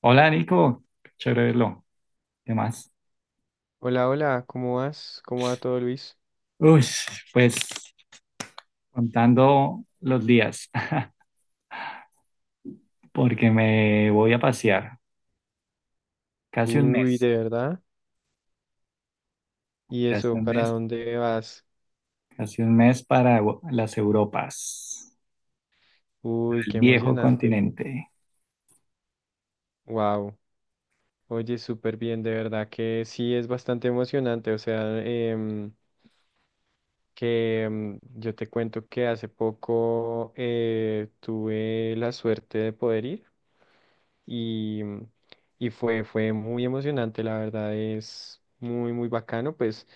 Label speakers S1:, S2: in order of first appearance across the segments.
S1: Hola Nico, chévere verlo. ¿Qué más?
S2: Hola, hola, ¿cómo vas? ¿Cómo va todo, Luis?
S1: Uy, pues contando los días, porque me voy a pasear casi un
S2: Uy,
S1: mes,
S2: ¿de verdad? ¿Y
S1: casi
S2: eso
S1: un
S2: para
S1: mes,
S2: dónde vas?
S1: casi un mes para las Europas,
S2: Uy,
S1: el
S2: qué
S1: viejo
S2: emocionante.
S1: continente.
S2: Wow. Oye, súper bien, de verdad que sí es bastante emocionante. O sea, que yo te cuento que hace poco tuve la suerte de poder ir. y, y fue muy emocionante, la verdad es muy, muy bacano, pues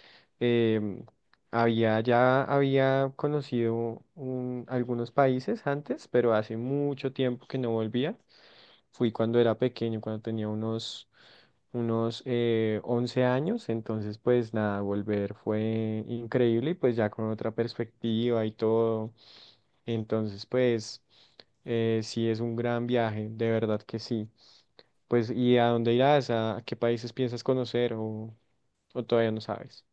S2: em, había, ya había conocido algunos países antes, pero hace mucho tiempo que no volvía, fui cuando era pequeño, cuando tenía unos 11 años. Entonces pues nada, volver fue increíble y pues ya con otra perspectiva y todo, entonces pues sí es un gran viaje, de verdad que sí. Pues, ¿y a dónde irás? ¿A qué países piensas conocer, o todavía no sabes?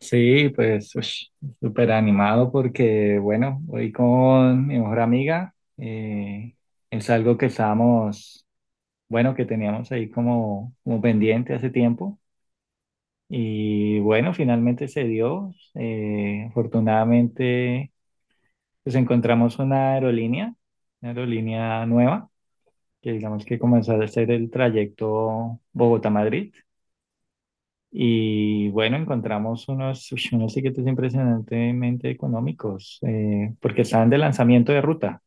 S1: Sí, pues súper animado porque, bueno, voy con mi mejor amiga. Es algo que estábamos, bueno, que teníamos ahí como pendiente hace tiempo. Y bueno, finalmente se dio. Afortunadamente, pues encontramos una aerolínea nueva, que digamos que comenzó a hacer el trayecto Bogotá-Madrid. Y bueno, encontramos unos, uy, unos tiquetes impresionantemente económicos, porque estaban de lanzamiento de ruta.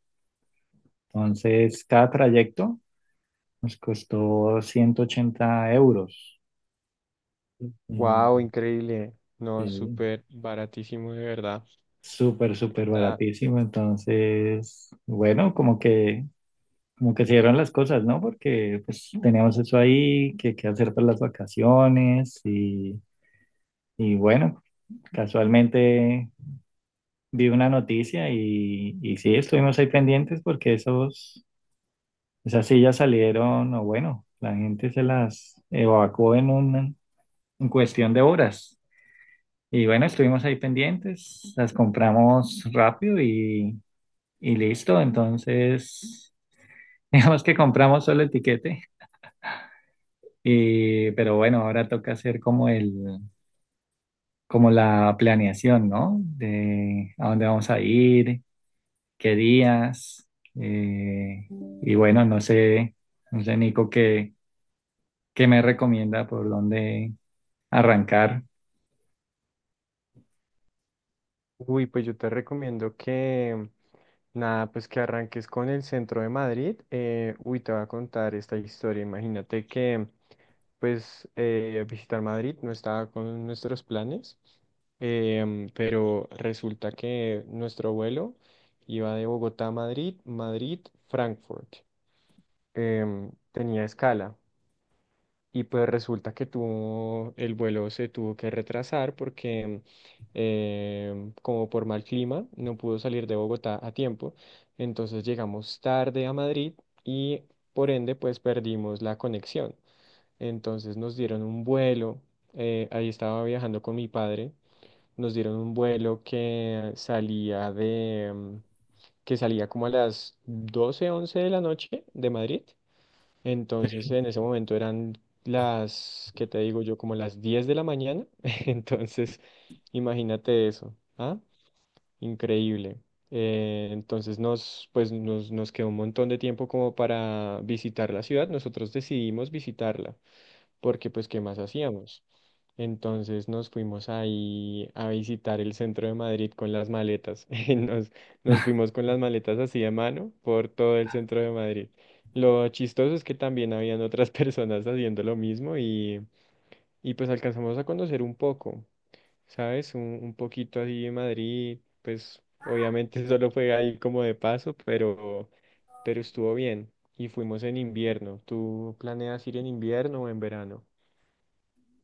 S1: Entonces, cada trayecto nos costó 180 euros.
S2: Wow,
S1: Mm,
S2: increíble. No,
S1: sí,
S2: súper baratísimo, de verdad.
S1: súper, súper
S2: Está-
S1: baratísimo. Entonces, bueno, como que se dieron las cosas, ¿no? Porque pues teníamos eso ahí, que hacer para las vacaciones y bueno, casualmente vi una noticia y sí, estuvimos ahí pendientes porque esas sillas salieron, o bueno, la gente se las evacuó en cuestión de horas. Y bueno, estuvimos ahí pendientes, las compramos rápido. Y listo, entonces, digamos que compramos solo el tiquete, y, pero bueno, ahora toca hacer como la planeación, ¿no? De a dónde vamos a ir, qué días, eh, y bueno, no sé, no sé, Nico, qué me recomienda por dónde arrancar.
S2: Uy, pues yo te recomiendo que, nada, pues que arranques con el centro de Madrid. Uy, te voy a contar esta historia. Imagínate que, pues, visitar Madrid no estaba con nuestros planes. Pero resulta que nuestro vuelo iba de Bogotá a Madrid, Frankfurt. Tenía escala. Y pues resulta que el vuelo se tuvo que retrasar porque como por mal clima no pudo salir de Bogotá a tiempo. Entonces llegamos tarde a Madrid y por ende pues perdimos la conexión. Entonces nos dieron un vuelo, ahí estaba viajando con mi padre, nos dieron un vuelo que salía que salía como a las 12 11 de la noche de Madrid. Entonces, en ese momento eran las, ¿qué te digo yo? Como las 10 de la mañana. Entonces, imagínate eso. ¿Ah? Increíble. Entonces nos quedó un montón de tiempo como para visitar la ciudad. Nosotros decidimos visitarla porque pues ¿qué más hacíamos? Entonces nos fuimos ahí a visitar el centro de Madrid con las maletas. Y nos fuimos con las maletas así de mano por todo el centro de Madrid. Lo chistoso es que también habían otras personas haciendo lo mismo, y pues alcanzamos a conocer un poco, ¿sabes? Un poquito así de Madrid, pues obviamente solo fue ahí como de paso, pero estuvo bien. Y fuimos en invierno. ¿Tú planeas ir en invierno o en verano?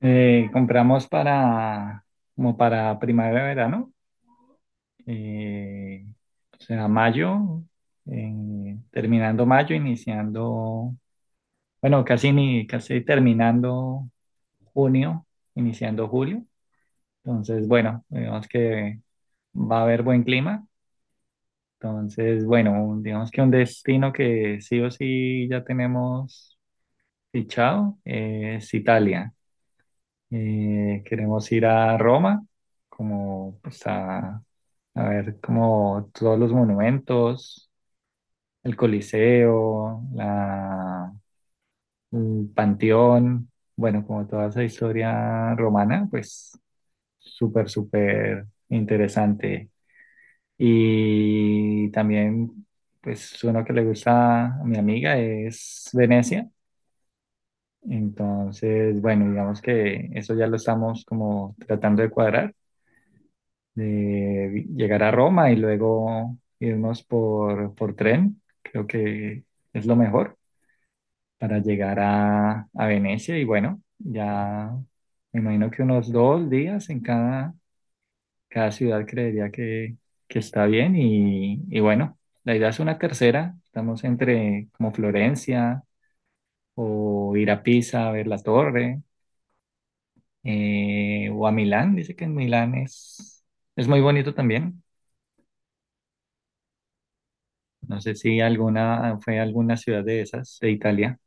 S1: Compramos para, como para primavera, verano. eh, o mayo, terminando mayo, iniciando, bueno, casi, ni, casi terminando junio, iniciando julio. Entonces, bueno, digamos que va a haber buen clima. Entonces, bueno, digamos que un destino que sí o sí ya tenemos fichado es Italia. Queremos ir a Roma, como pues, a, a ver como todos los monumentos, el Coliseo, el Panteón, bueno, como toda esa historia romana, pues súper, súper interesante. Y también, pues uno que le gusta a mi amiga es Venecia. Entonces, bueno, digamos que eso ya lo estamos como tratando de cuadrar, de llegar a Roma y luego irnos por tren. Creo que es lo mejor para llegar a Venecia y bueno, ya me imagino que unos dos días en cada ciudad creería que está bien y bueno, la idea es una tercera, estamos entre como Florencia o ir a Pisa a ver la torre o a Milán, dice que en Milán es muy bonito también. No sé si alguna fue alguna ciudad de esas de Italia.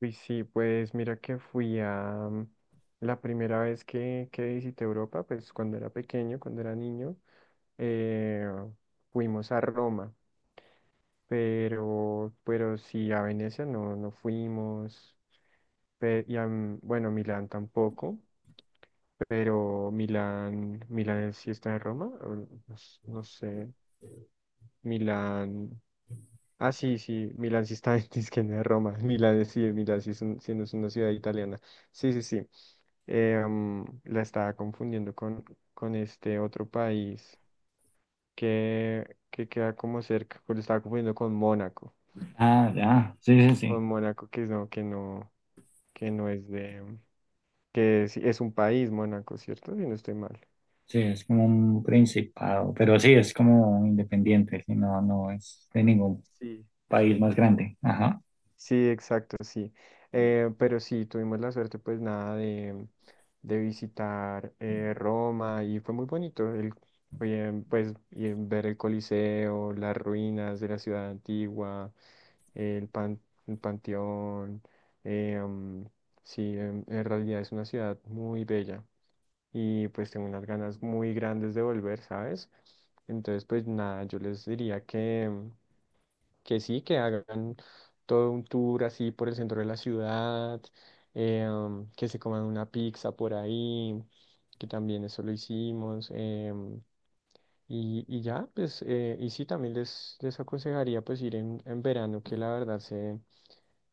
S2: Uy, sí, pues mira que fui a la primera vez que visité Europa, pues cuando era pequeño, cuando era niño, eh, fuimos a Roma, pero sí a Venecia no, no fuimos, y a, bueno, Milán tampoco, pero Milán sí está en Roma, o no, no sé, Milán, ah sí, sí, Milán sí está en, es que no es Roma, Milán sí es sí no es una ciudad italiana, sí, sí, sí. La estaba confundiendo con este otro país que queda como cerca, estaba confundiendo
S1: Ah, ya, sí, sí, sí.
S2: con Mónaco que no, que no, que no es de, que es un país Mónaco, ¿cierto? Si no estoy mal.
S1: Sí, es como un principado, pero sí, es como independiente, sí, no, no es de ningún
S2: Sí.
S1: país más grande. Ajá.
S2: Sí, exacto, sí. Pero sí, tuvimos la suerte, pues nada, de visitar Roma y fue muy bonito. El, oye, pues y ver el Coliseo, las ruinas de la ciudad antigua, el, pan- el Panteón. eh, mm, sí, en realidad es una ciudad muy bella y pues tengo unas ganas muy grandes de volver, ¿sabes? Entonces, pues nada, yo les diría que sí, que hagan todo un tour así por el centro de la ciudad, que se coman una pizza por ahí, que también eso lo hicimos. Y, y ya, pues, y sí, también les aconsejaría pues ir en verano, que la verdad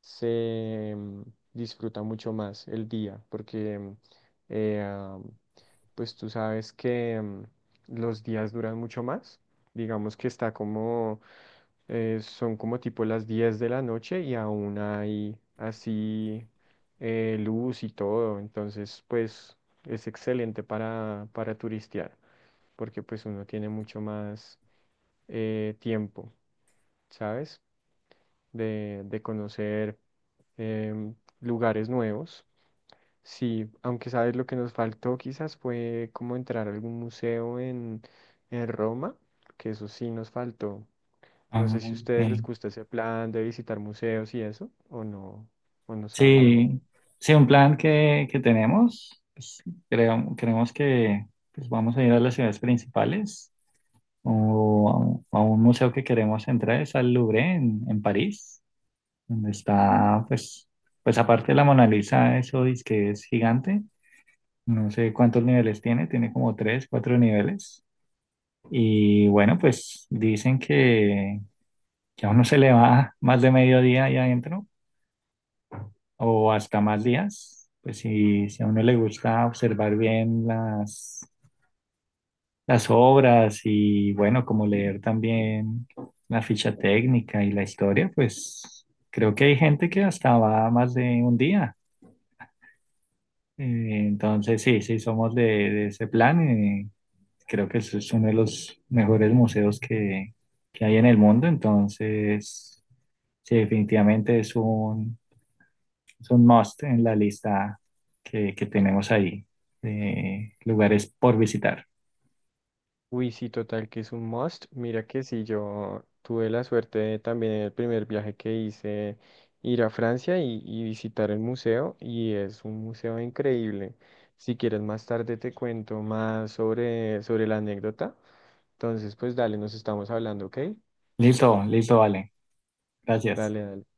S2: se mm, disfruta mucho más el día, porque eh, ah, pues tú sabes que los días duran mucho más, digamos que está como, son como tipo las 10 de la noche y aún hay así luz y todo, entonces pues es excelente para turistear porque pues uno tiene mucho más tiempo, ¿sabes? De conocer em, lugares nuevos. Sí, aunque sabes lo que nos faltó quizás fue como entrar a algún museo en Roma, que eso sí nos faltó. No
S1: Ah,
S2: sé si a ustedes les
S1: ok.
S2: gusta ese plan de visitar museos y eso, o no saben aún.
S1: Sí, sí, un plan que tenemos, pues, creo, creemos que pues, vamos a ir a las ciudades principales o a un museo que queremos entrar, es al Louvre en París, donde está, pues, pues aparte de la Mona Lisa, eso dice que es gigante, no sé cuántos niveles tiene, tiene como tres, cuatro niveles. Y bueno, pues dicen que a uno se le va más de mediodía ahí adentro o hasta más días. Pues si, si a uno le gusta observar bien las obras y bueno, como leer también la ficha técnica y la historia, pues creo que hay gente que hasta va más de un día. Entonces sí, sí somos de ese plan. Creo que es uno de los mejores museos que hay en el mundo, entonces sí, definitivamente es un must en la lista que tenemos ahí de lugares por visitar.
S2: Uy, sí, total, que es un must. Mira que sí, yo tuve la suerte de también en el primer viaje que hice ir a Francia y visitar el museo, y es un museo increíble. Si quieres más tarde te cuento más sobre, sobre la anécdota. Entonces, pues dale, nos estamos hablando, ¿ok?
S1: Listo, listo, vale. Gracias.
S2: Dale, dale.